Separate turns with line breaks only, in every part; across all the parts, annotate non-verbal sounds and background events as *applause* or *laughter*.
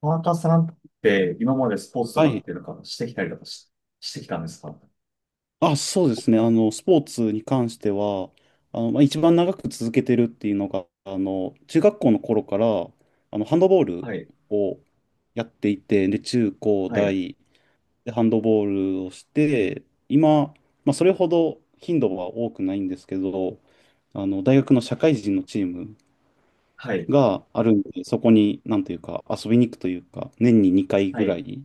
田中さんって今までスポーツと
は
かっ
い。
ていうのかしてきたりとかし、してきたんですか？
あ、そうですね。スポーツに関しては、まあ、一番長く続けてるっていうのが、中学校の頃から、ハンドボール
はい、
をやっていて、で、中高
はい、
大でハンドボールをして、今、まあ、それほど頻度は多くないんですけど、大学の社会人のチーム
はい、
があるんで、そこに、なんというか、遊びに行くというか、年に2回
は
ぐら
い。
い、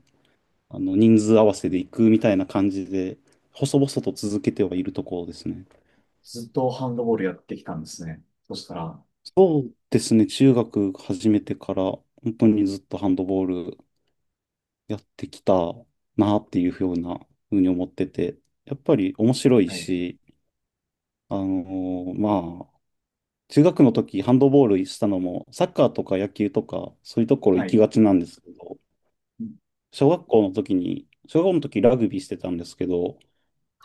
人数合わせで行くみたいな感じで、細々と続けてはいるところですね。
ずっとハンドボールやってきたんですね。そしたら、
そうですね、中学始めてから、本当にずっとハンドボールやってきたなっていうふうに思ってて、やっぱり面白い
はい、
し、あのまあ、中学の時ハンドボールしたのも、サッカーとか野球とか、そういうところ
は
行き
い、
がちなんですけど、
うん、
小学校の時ラグビーしてたんですけど、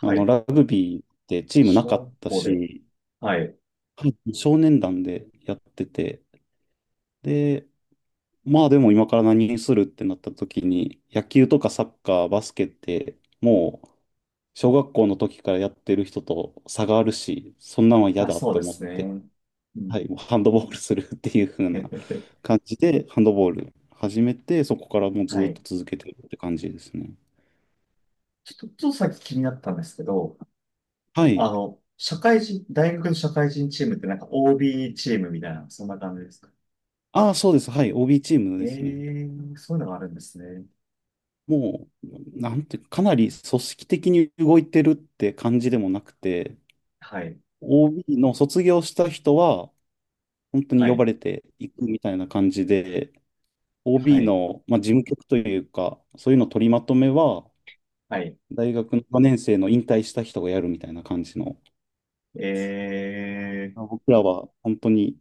い。
ラグビーってチーム
小
なかっ
学
た
校で、
し、
はい。
はい、少年団でやってて、で、まあでも今から何にするってなった時に、野球とかサッカー、バスケって、もう小学校の時からやってる人と差があるし、そんなんは嫌
まあ、
だっ
そう
て
で
思っ
す
て、
ね。う
はい、
ん。
もうハンドボールするっていう風な
*laughs*
感じで、ハンドボール始めて、そこからもう
は
ずっ
い。
と続けてるって感じですね。
ちょっと、ちょっとさっき気になったんですけど、
はい。
社会人、大学の社会人チームってなんか OB チームみたいな、そんな感じですか？
ああ、そうです。はい。OB チーム
え
で
え
すね。
ー、そういうのがあるんですね。
もう、なんて、かなり組織的に動いてるって感じでもなくて、
はい、
OB の卒業した人は、本当に
は
呼ば
い、
れていくみたいな感じで、
は
OB
い。
の、まあ、事務局というか、そういうの取りまとめは、
はい、
大学の4年生の引退した人がやるみたいな感じの、
ええ、
僕らは本当に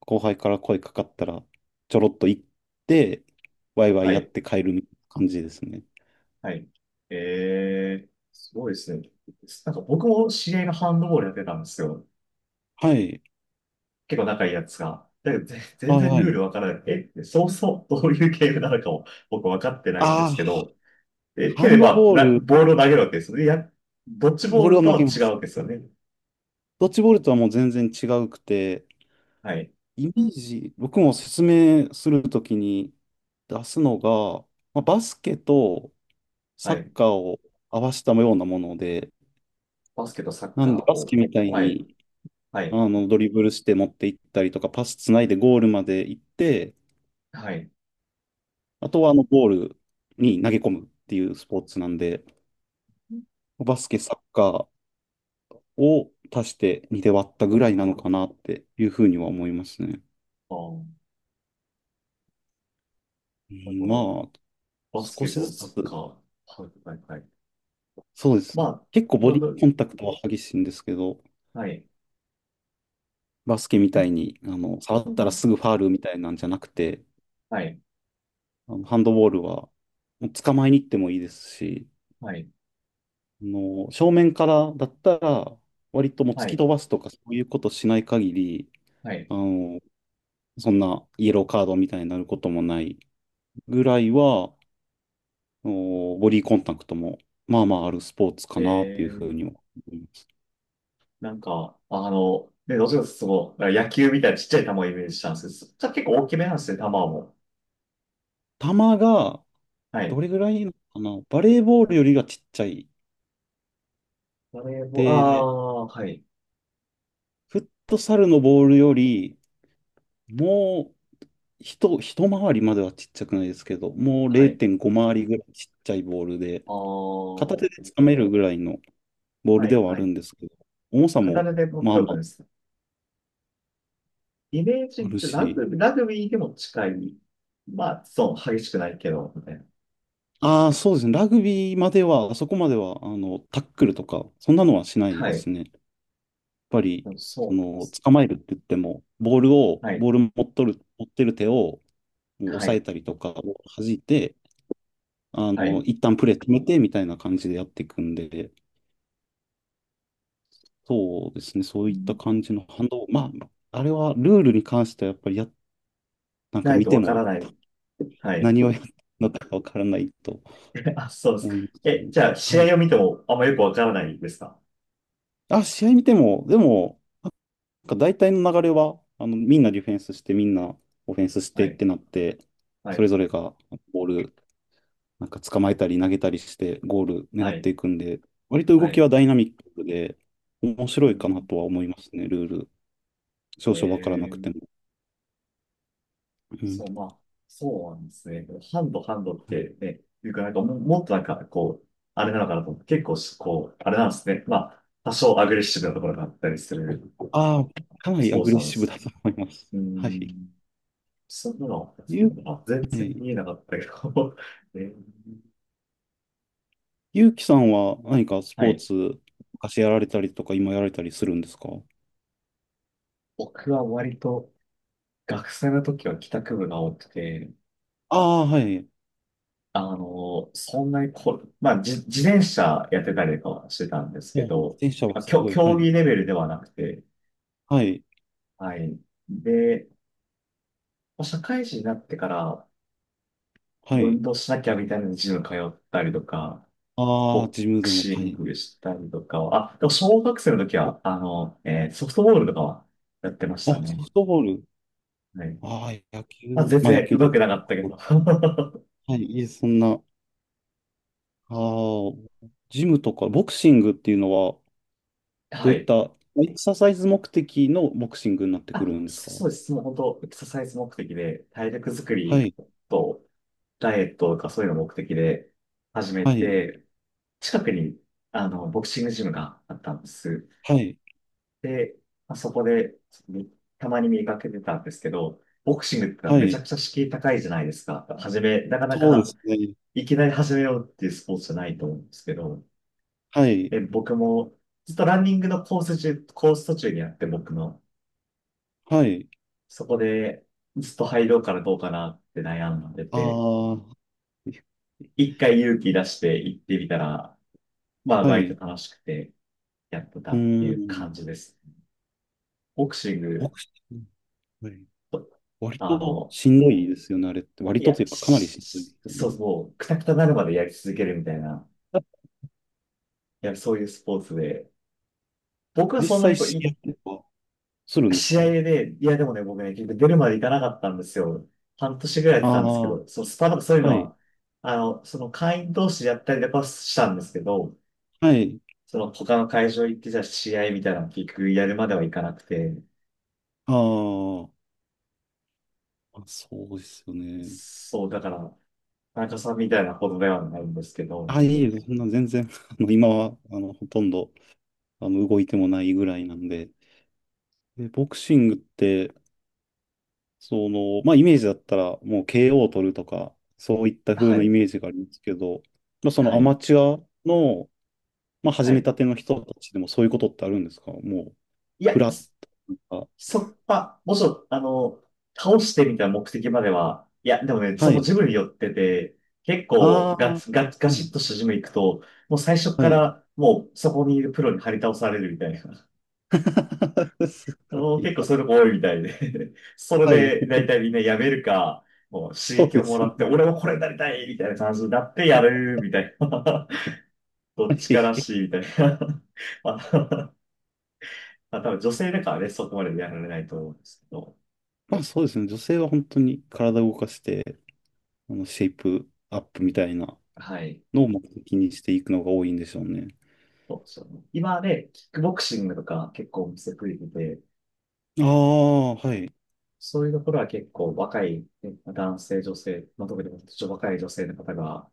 後輩から声かかったら、ちょろっと行って、ワイワイ
は
やっ
い、
て帰るみたいな感じですね。
はい。ええ、すごいですね。なんか僕も知り合いがハンドボールやってたんですよ。
はい。
結構仲いいやつが。だけど、全
はい
然
は
ルー
い。
ルわからなくて、え、そうそう、どういうゲームなのかを僕分かってないんで
あ
すけ
あ、
ど、え、
ハ
手
ン
で
ド
まあ、
ボール、
ボールを投げるわけですよね。いや、ドッジ
ボ
ボ
ー
ー
ル
ル
を
と
投げ
は
ま
違う
す。
わけですよね。
ドッジボールとはもう全然違うくて、
はい、
イメージ、僕も説明するときに出すのが、まあ、バスケと
は
サッ
い。
カーを合わせたようなもので、
バスケとサッ
なん
カ
で
ー
バ
を。
スケみたい
はい、
に
はい、
ドリブルして持っていったりとか、パスつないでゴールまで行って、
はい。
あとはゴールに投げ込むっていうスポーツなんで、バスケ、サッカーを足して2で割ったぐらいなのかなっていうふうには思いますね。
ああ、
う
なる
ん
ほ
まあ、
ど。バス
少
ケ
し
と
ず
サッカー。
つ。
はい、はい、はい。
そうです。
まあ、
結構ボ
まあ、
ディコンタクトは激しいんですけど、
はい。
バスケみたいに、触
う
ったら
ん。
すぐファールみたいなんじゃなくて、
はい、
ハンドボールは、もう捕まえに行ってもいいですし、
はい、
正面からだったら、割ともう突
は
き
い、
飛ばすとかそういうことしない限り、
はい。
あの、そんなイエローカードみたいになることもないぐらいは、ボディコンタクトも、まあまああるスポーツか
え
なっていうふう
ー、
には思います。
なんか、ね、どちらかというとその、野球みたいなちっちゃい球をイメージしたんですけど、そじゃあ結構大きめなんですね、球も。
球が、
はい。
どれぐらいなのかなバレーボールよりがちっちゃい
バレーボール、あ
で、
ー、はい、
フットサルのボールより、もう一回りまではちっちゃくないですけど、もう
はい、
0.5回りぐらいちっちゃいボールで、
あ
片
ー、
手でつかめるぐらいのボール
は
で
い、
はあ
は
る
い。
んですけど、重さも
片で持っ
ま
て
あま
おくんです。イメー
ああ
ジ、
る
ラ
し、
グビー、ラグビーでも近い。まあ、そう、激しくないけど、みたいな。
ああ、そうですね、ラグビーまでは、あそこまでは、タックルとか、そんなのはしない
は
で
い。
すね。やっぱり、
そうです。
捕まえるって言っても、ボールを、
はい、
ボール持っとる、持ってる手を、もう押
は
さえ
い、
たりとか、弾いて、
はい。
一旦プレー止めてみたいな感じでやっていくんで、そうですね、そう
う
いった
ん、
感じの反動、まあ、あれはルールに関してはやっぱり、なんか
ない
見
と
て
わから
も
ない。はい。
何をやったのかわからないと
*laughs* あ、そうですか。
思います
え、
ね。
じゃあ、
はい。
試合を見てもあんまよくわからないですか？
あ、試合見ても、でも、なんか大体の流れは、みんなディフェンスして、みんなオフェンスし
は
てっ
い、
てなって、
は
それ
い、
ぞれがボール、なんか捕まえたり投げたりして、ゴール狙
は
っ
い、
ていくんで、割と
は
動き
い。
はダイナミックで、面白
う
いかな
ん、
とは思いますね、ルール。少
え
々わからなくて
ー、
も。うん、
そう、まあ、そうなんですね。ハンド、ハンドっ
はい、
てね、いうか、なんかも、もっとなんか、こう、あれなのかなと思って、結構し、こう、あれなんですね。まあ、多少アグレッシブなところがあったりする
ああ、かな
ス
りア
ポー
グレ
ツ
ッ
なんで
シブ
す。
だと思います。
う
*laughs* はい。
ん、そんなの、
ゆう、
あ、全
は
然
い、
見えなかったけど、*laughs* えー、
ゆうきさんは何かス
は
ポー
い。
ツ、昔やられたりとか、今やられたりするんですか？
僕は割と学生の時は帰宅部が多くて、
ああ、はい。
そんなにこ、まあ、自転車やってたりとかはしてたんですけ
もう、自
ど、
転車は
まあ、
すごい。は
競
い。
技レベルではなくて、
はい。
はい。で、まあ社会人になってから
は
運
い。
動しなきゃみたいなジム通ったりとか、
ああ、
ボ
ジム
ク
でも。
シ
は
ン
い。
グしたりとかは、あ、でも小学生の時は、ソフトボールとかはやってまし
あ、
た
ソ
ね。
フトボール。
はい。
ああ、野球。
まあ、全
まあ、野
然
球
上
という
手く
こ
なか
と。
ったけど。*laughs*
はい。いえ、そんな。ああ、ジムとか、ボクシングっていうのは、ど
は
ういっ
い。
たエクササイズ目的のボクシングになってくる
あ、
んですか？
そうです。もう本当、エクササイズ目的で、体力作
は
り
い、
と、ダイエットとかそういうの目的で始め
はい、
て、近くに、ボクシングジムがあったんです。
はい、
で、まあそこで、みたまに見かけてたんですけど、ボクシングってのは
は
めちゃ
い、
くちゃ敷居高いじゃないですか。始め、なかな
そうで
か、
すね。
いきなり始めようっていうスポーツじゃないと思うんですけど、
はい、
で、僕も、ずっとランニングのコース中、コース途中にあって僕の、
はい、
そこで、ずっと入ろうかなどうかなって悩んでて、
ああ、
一回勇気出して行ってみたら、まあ、
は
割と
い、
楽しくてやってた
う
っていう
ーん、
感じです。ボクシン
ボ
グ、
クシング、はい、割
あ
と
の、
しんどいですよね、あれって。割
い
と
や、
というか、かなりしんどいですよね。
そうそう、くたくたなるまでやり続けるみたいな、
あ
いや、そういうスポーツで、僕は
実
そんな
際、
にこう、
試合とかするんですか？
試合で、いや、でもね、僕ね、結局出るまでいかなかったんですよ。半年ぐらいやっ
あ
てたんですけ
あー、
ど、そう、そういう
は
の
い、
は、その会員同士でやったりとかはしたんですけど、
はい、
その他の会場行って、じゃあ試合みたいなの結局やるまではいかなくて、
あーあ、そうですよね。
そう、だから、会社さんみたいなほどではないんですけど、
あ、いいえ、そんな全然、*laughs* 今は、ほとんど、動いてもないぐらいなんで、で、ボクシングって、まあイメージだったらもう KO を取るとか、そういった風
は
なイ
い、
メージがありますけど、まあ
は
ア
い、
マチュアの、まあ
は
始め
い。
たての人たちでもそういうことってあるんですか？もう、
いや、
フラットとか。
そまあ、もちろん、倒してみたいな目的までは、いや、でもね、そ
は
の
い。
ジムに寄ってて、結構
あ
ガ
あ、
ツ、ガツ、ガ
う
シ
ん、
ッとしたジム行くと、もう最初
は
か
い。
らもうそこにいるプロに張り倒されるみたいな。
*laughs* すごい
結構
な。
そういうのも多いみたいで *laughs* そ
はい。
れで大体みんなやめるか、もう刺
そう
激を
で
も
す
ら
よ
って、
ね。
俺もこれになりたいみたいな感じになってやるみたいな。*laughs* ど
は
っちから
い。
しいみたいな。*laughs* あ、まあ、多分女性だからね、そこまでやられないと思うんですけど、
まあそうですね。女性は本当に体を動かして、シェイプアップみたいな
はい。
のを目的にしていくのが多いんでしょうね。
そうそう。今ね、キックボクシングとか結構お店増えてて、
ああ、はい。
そういうところは結構若いね男性、女性、まあ、特に若い女性の方が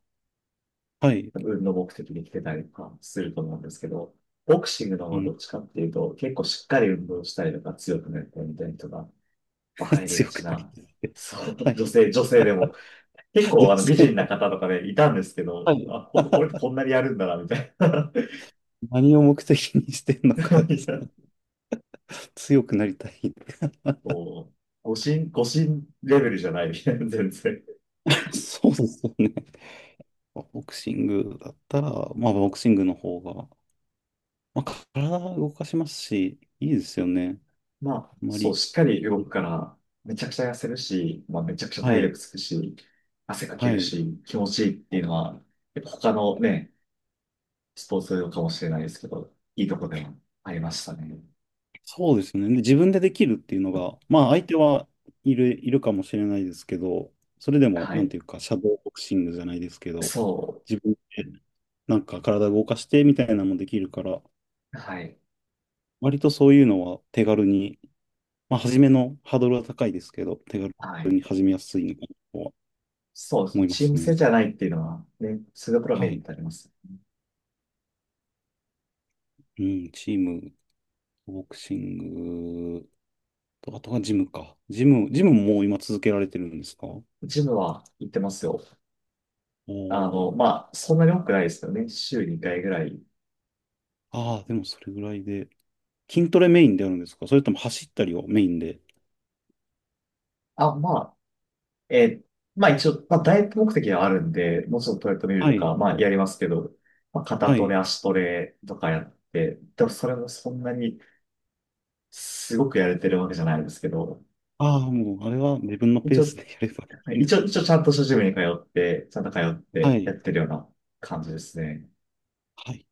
はい。
運動目的で来てたりとかすると思うんですけど、ボクシングの方
う
はど
ん。
っちかっていうと、結構しっかり運動したりとか強くなったりみたいな人がやっぱ
*laughs*
入りが
強く
ち
なり
な、
たいって。
そう、
はい。
女性、女性でも、結
女
構あの美
性、
人な方とかね、いたんですけ
は
ど、
い。
あ、れ
*laughs*
こんなにやるんだな、みたいな。
何を目的にしてんのか
*laughs*
で
い
す
や、
ね、強くなりたいって。
こう、誤信、誤信レベルじゃない、*laughs* 全然。
*laughs* そうですよね。ボクシングだったら、まあ、ボクシングの方が、まあ、体を動かしますし、いいですよね。
まあ、
あんま
そう、
り、
しっかり動くから、めちゃくちゃ痩せるし、まあ、めちゃくちゃ
は
体力
い、
つくし、汗かけ
は
る
い。
し、気持ちいいっていうのは、やっぱ他のね、スポーツかもしれないですけど、いいとこでもありましたね。
そうですね。で自分でできるっていうのが、まあ、相手はいるかもしれないですけど、それでも、
は
なん
い。
ていうか、シャドーボクシングじゃないですけど、
そ
自分でなんか体動かしてみたいなのもできるから、
う。はい。
割とそういうのは手軽に、まあ、初めのハードルは高いですけど、手
は
軽
い。
に始めやすいのかなとは
そうです
思
ね。
いま
チー
す
ム制
ね。
じゃないっていうのは、ね、そういうところはメ
は
リッ
い。
トあります。
うん、チーム、ボクシングと、あとはジムか。ジムももう今続けられてるんですか？お
ジムは行ってますよ。
お
まあ、そんなに多くないですよね。週2回ぐらい、
ー。ああ、でもそれぐらいで。筋トレメインであるんですか？それとも走ったりをメインで。
あ、まあ、えー、まあ一応、まあダイエット目的はあるんで、もうちょっとトレッドミル
は
と
い。
か、まあやりますけど、まあ肩
は
トレ、
い。
足トレとかやって、でもそれもそんなにすごくやれてるわけじゃないですけど、
ああ、もう、あれは自分の
一
ペー
応、
スでやればいいんだと。
一応ちゃんとしたジムに通って、ちゃんと通っ
は
てや
い。
ってるような感じですね。
はい。